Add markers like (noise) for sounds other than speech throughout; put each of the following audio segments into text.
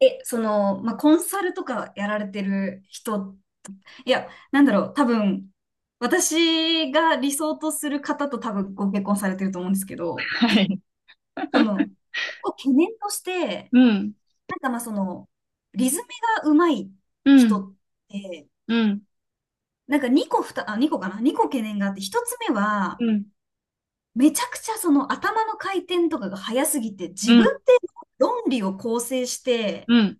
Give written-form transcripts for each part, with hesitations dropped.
え、その、まあ、コンサルとかやられてる人、いや、なんだろう、多分、私が理想とする方と多分ご結婚されてると思うんですけど、はい。その、(laughs) 結構懸念として、うん、なんかまあその、リズムがうまいう人ん、って、うん、なんか2個かな？ 2 個懸念があって、1つ目は、うん、めちゃくちゃその頭の回転とかが早すぎて、う自分ん、で論理を構成して、うん、うん、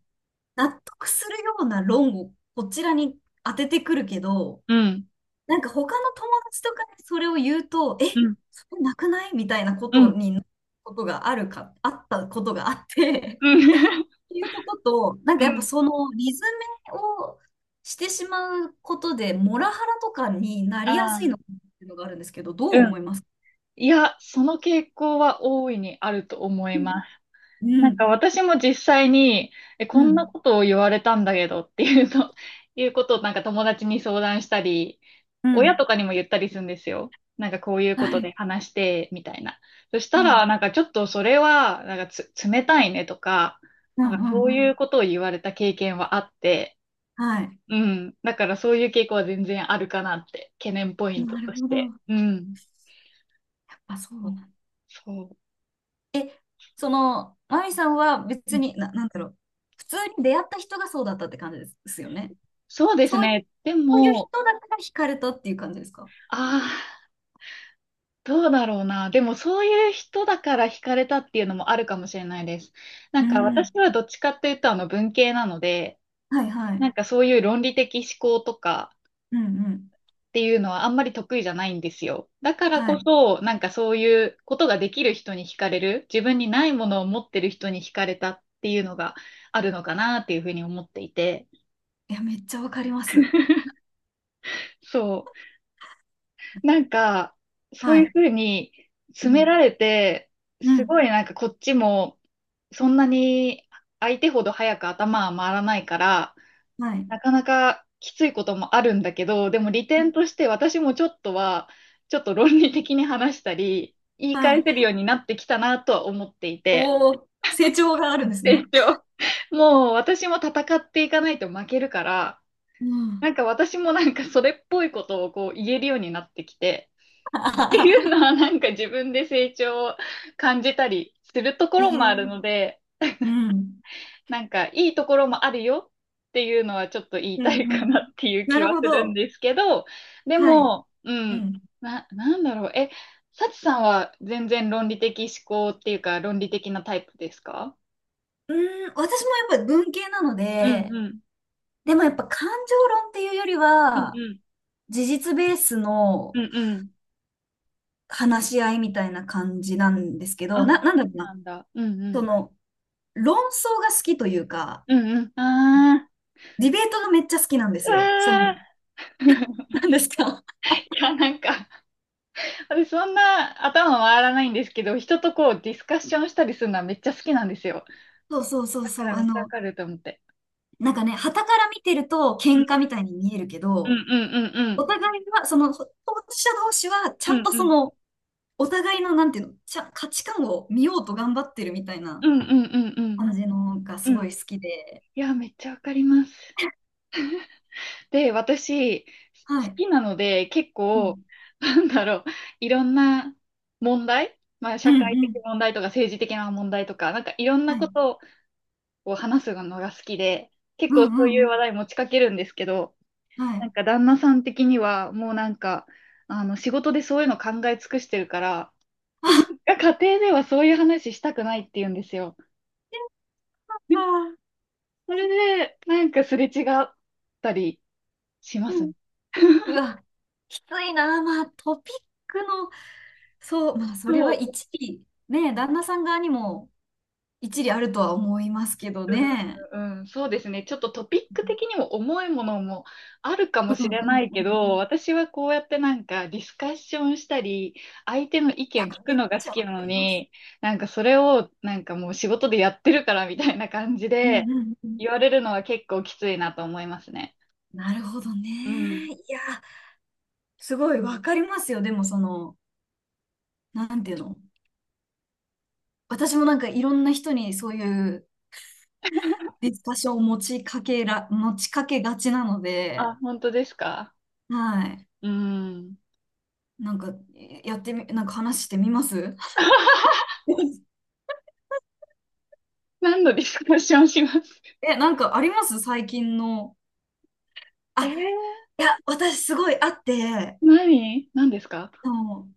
納得するような論をこちらに当ててくるけど、うん、なんか他の友達とかにそれを言うと、うえ、ん、それなくないみたいなこうとん、になることがあるか、あったことがあって、(laughs) っ (laughs) ていうとこと、なんかうやっぱん、そのリズメをしてしまうことで、モラハラとかになありやすいあ、のかなっていうのがあるんですけど、どううん。思いますか？いや、その傾向は大いにあると思いうん、ます。なんか私も実際に、え、うこんなん、ことを言われたんだけどっていうと、(laughs) いうことをなんか友達に相談したり、う親ん、とかにも言ったりするんですよ。なんかこういうはことい、で話して、みたいな。そしたうら、ん、なんかちょっとそれは、なんか冷たいねとか、うん、なうんかん、そうういん、うことを言われた経験はあって、はい。うん。だからそういう傾向は全然あるかなって、懸念ポイントなるとしほど。やて。っうん。ぱそうそなんう。だ。そう、その、マミさんはう別ん、に、なんだろう。普通に出会った人がそうだったって感じですよね。そうですそういう、ね。でそういうも、人だから惹かれたっていう感じですか？ああ、どうだろうな。でもそういう人だから惹かれたっていうのもあるかもしれないです。なうんかん。私はどっちかっていうと文系なので、はいはない。んかそういう論理的思考とかうんうん。っていうのはあんまり得意じゃないんですよ。だからはこい。そ、なんかそういうことができる人に惹かれる、自分にないものを持ってる人に惹かれたっていうのがあるのかなっていうふうに思っていて。いや、めっちゃわかります。そう。なんか、そうはいうい。ふうにう詰めん。られて、うすん。ごいなんかこっちも、そんなに相手ほど早く頭は回らないから、はい。なかなかきついこともあるんだけど、でも利う点ん。として私もちょっとは、ちょっと論理的に話したり、言いは返い。せるようになってきたなとは思っていて、おお、成長があるんです成ね。長。もう私も戦っていかないと負けるから、うなん。んか私もなんかそれっぽいことをこう言えるようになってきて、っていうの (laughs) はなんか自分で成長を感じたりするとこへろもあるえ。ので、うん。なんかいいところもあるよっていうのはちょっと言いうたいんうかん。なっていうな気るはほするんど。ですけど、ではい。も、ううん、ん。なんだろう、サチさんは全然論理的思考っていうか論理的なタイプですか？うーん、私もやっぱり文系なのうん、で、うん。でもやっぱ感情論っていうよりうは、ん、事実ベースのうん。うん、うん。話し合いみたいな感じなんですけあ、ど、なんだそろううな。なんだ。うん、うそん。の、論争が好きというか、うん、うん。あディベートがめっちゃ好きなんですよ。そー、あの、ー。(laughs) なんですか？ いや、なんか、私そんな頭回らないんですけど、人とこうディスカッションしたりするのはめっちゃ好きなんですよ。(laughs) そうそうそうだかそう。らあめっちゃわの、かると思って。なんかね、傍から見てると喧嘩みたいに見えるけうん、うど、ん、うおん、互いは、その、当事者同士は、ちうゃんん、とうん、うそん、の、お互いの、なんていうの、価値観を見ようと頑張ってるみたいうなん、うん、うん、うん、感じのがすうごん。い好きで、いや、めっちゃわかります。で、私、好はい。きなので、結う構、んなんだろう、いろんな問題、まあ、う社ん会う的ん。問題とか政治的な問題とか、なんかいろんはなこい。とを話すのが好きで、結うん構そうういんううん。話題持ちかけるんですけど、はなんい。か旦那さん的には、もうなんか、仕事でそういうの考え尽くしてるから、あ、家庭ではそういう話したくないって言うんですよ。あでー、それで、なんかすれ違ったりしますうん、ね。うわ、きついな。まあ、トピックの、そう、まあ、それそはう。一理、ね、旦那さん側にも一理あるとは思いますけどうん、ね。うん、うん、そうですね。ちょっとトピック的にも重いものもあるかうもんしうんれうんうん。ないけど、い私はこうやってなんかディスカッションしたり、相手の意や、見聞くめっのがち好ゃわきかなのります。に、なんかそれをなんかもう仕事でやってるからみたいな感じうんでうんうん。言われるのは結構きついなと思いますね。なるほどね。うん。いや、すごいわかりますよ。でも、その、なんていうの。私もなんかいろんな人にそういうディスカッションを持ちかけがちなので、あ、本当ですか？はい。うん。なんか、えやってみ、なんか話してみます (laughs) (laughs) 何のディスカッションします？え、なんかあります最近の。あ、えー、いや、私すごいあって、何、何ですか？あの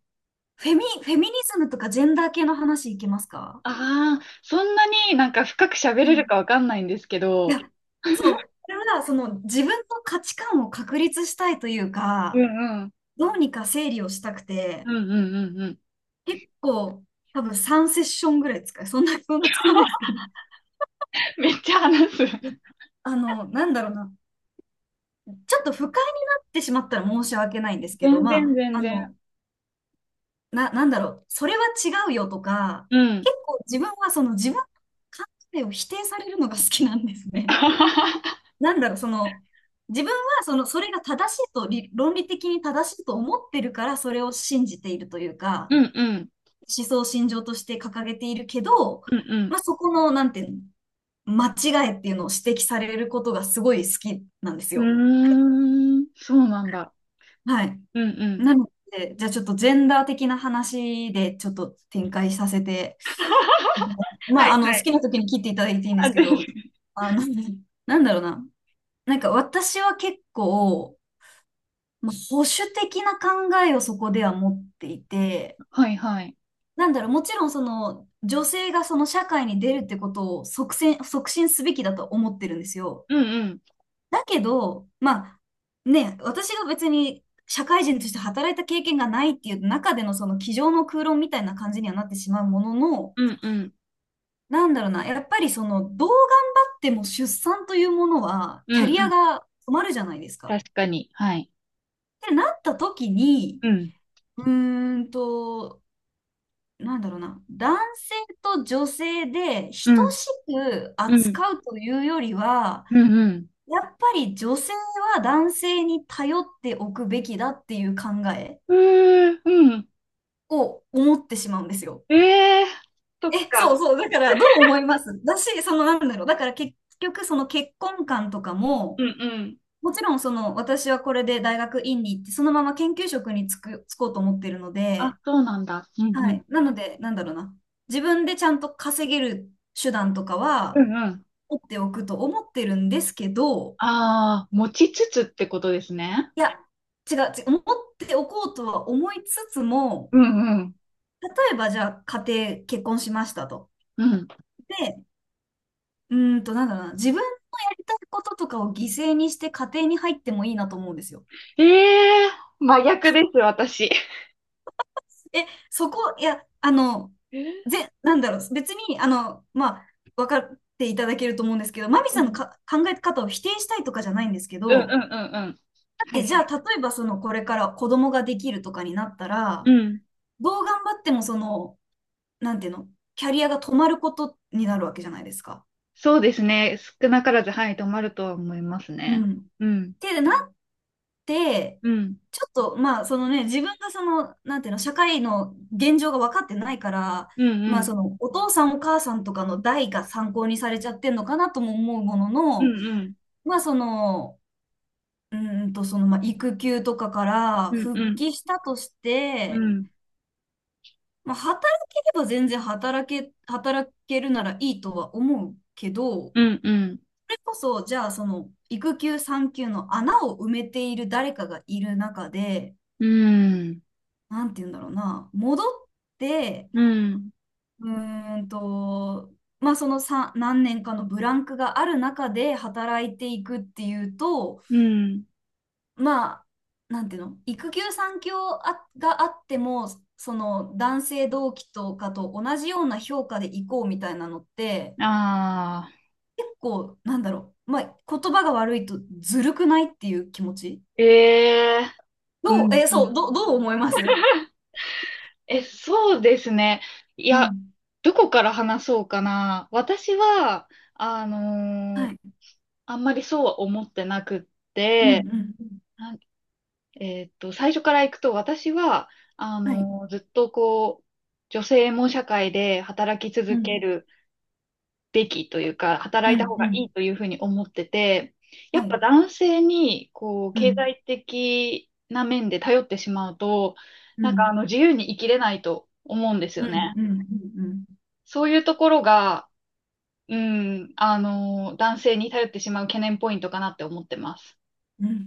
フェミニズムとかジェンダー系の話いけますか？ああ、そんなになんか深く喋うれるん。かわかんないんですけいや、ど、そう。これは、その、自分の価値観を確立したいといううか、ん、うん。どうにか整理をしたくて、うん、うん、うん、うん。結構、多分3セッションぐらい使う。そんな使わないです (laughs) けど。めっちゃ話す。あの、なんだろうな。ちょっと不快になってしまったら申し訳ないんですけど、全ま然、全あ、あ然。の、なんだろう、それは違うよとか、うん。結構自分はその自分の感性を否定されるのが好きなんですね。(laughs) (laughs) なんだろう、その、自分はその、それが正しいと、理論理的に正しいと思ってるから、それを信じているというか、うん、うん。思想信条として掲げているけど、うまん、あ、そこの、なんていうの、間違いっていうのを指摘されることがすごい好きなんですうよ。ん。うーん。そうなんだ。はい。うん、うん。なので、じゃあちょっとジェンダー的な話でちょっと展開させて、(laughs) はい、はまあ、あい。の、好きな時に切っていただいていいんであ、すけ全ど、然。あの、(laughs) なんだろうな。なんか私は結構、まあ、保守的な考えをそこでは持っていて、はい、はい。なんだろう、もちろんその、女性がその社会に出るってことを促進すべきだと思ってるんですよ。うん、うん。だけど、まあ、ね、私が別に社会人として働いた経験がないっていう中でのその机上の空論みたいな感じにはなってしまうものの、うん、うん。なんだろうな、やっぱりその、どう頑張っても出産というものは、うキャん、リうアん。が止まるじゃないですか。確かに。はい。ってなった時に、うん。うーんと、なんだろうな、男性と女性で等うしん。くうん。扱うというよりは、うん、うん。やっぱり女性は男性に頼っておくべきだっていう考えうーん。うん。を思ってしまうんですよ。ええー。そっえ、そうか。そう。だからどう思いますだし、そのなんだろう。だから結局その結婚観とかうも、ん、うん。もちろんその私はこれで大学院に行ってそのまま研究職に就こうと思ってるのあ、で、そうなんだ。うん、はうん。い。なので、なんだろうな。自分でちゃんと稼げる手段とかうはん、うん。持っておくと思ってるんですけど、ああ、持ちつつってことですね。いや、違う、違う、持っておこうとは思いつつも、うん、うん。例えばじゃあ家庭結婚しましたと。うん。で、なんだろうな、自分のやりたいこととかを犠牲にして家庭に入ってもいいなと思うんですよ。ええー、真逆です、私。え、そこ、いや、あの、えーなんだろう、別に、あの、まあ、分かっていただけると思うんですけど、マミうさんのん。か考え方を否定したいとかじゃないんですけうん、うど、ん、うん、うん。だっはてい、じゃはあ、い。例えばその、これから子供ができるとかになったうら、ん。どう頑張ってもその、なんていうの、キャリアが止まることになるわけじゃないですか。そうですね。少なからず、はい、止まるとは思いますうね。ん。っうん。てなで、うん。ちょっと、まあ、そのね、自分がその、なんていうの、社会の現状が分かってないから、うん、うまあ、ん。その、お父さんお母さんとかの代が参考にされちゃってんのかなとも思うものうの、ん、うん。まあ、その、その、まあ、育休とかからうん、復うん。帰したとしうて、ん、まあ、働ければ全然働けるならいいとは思うけど、そうん、うん。れこそ、じゃあ、その、育休、産休の穴を埋めている誰かがいる中で、うん。なんて言うんだろうな、戻って、うん。うーんと、まあそのさ何年かのブランクがある中で働いていくっていうと、うん。まあ、なんていうの、育休産休あっても、その男性同期とかと同じような評価でいこうみたいなのって、ああ。結構、なんだろう、まあ言葉が悪いとずるくないっていう気持ち。ええー。うどう、ん、うそん。う、どう思いますえ、そうですね。いうや、ん。どこから話そうかな。私は、あのはーい。あんまりそうは思ってなくっうて、んうなんえーっと、最初から行くと、私は、ん。はい。ずっとこう、女性も社会で働きう続けん。るべきというか、う働いたん方がういん。いというふうに思ってて、やはっぱい。男性に、こう、う経ん。済的な面で頼ってしまうと、うなんかん。自由に生きれないと思うんですうよね。ん。うん。うん。そういうところが、うん、男性に頼ってしまう懸念ポイントかなって思ってます。うん。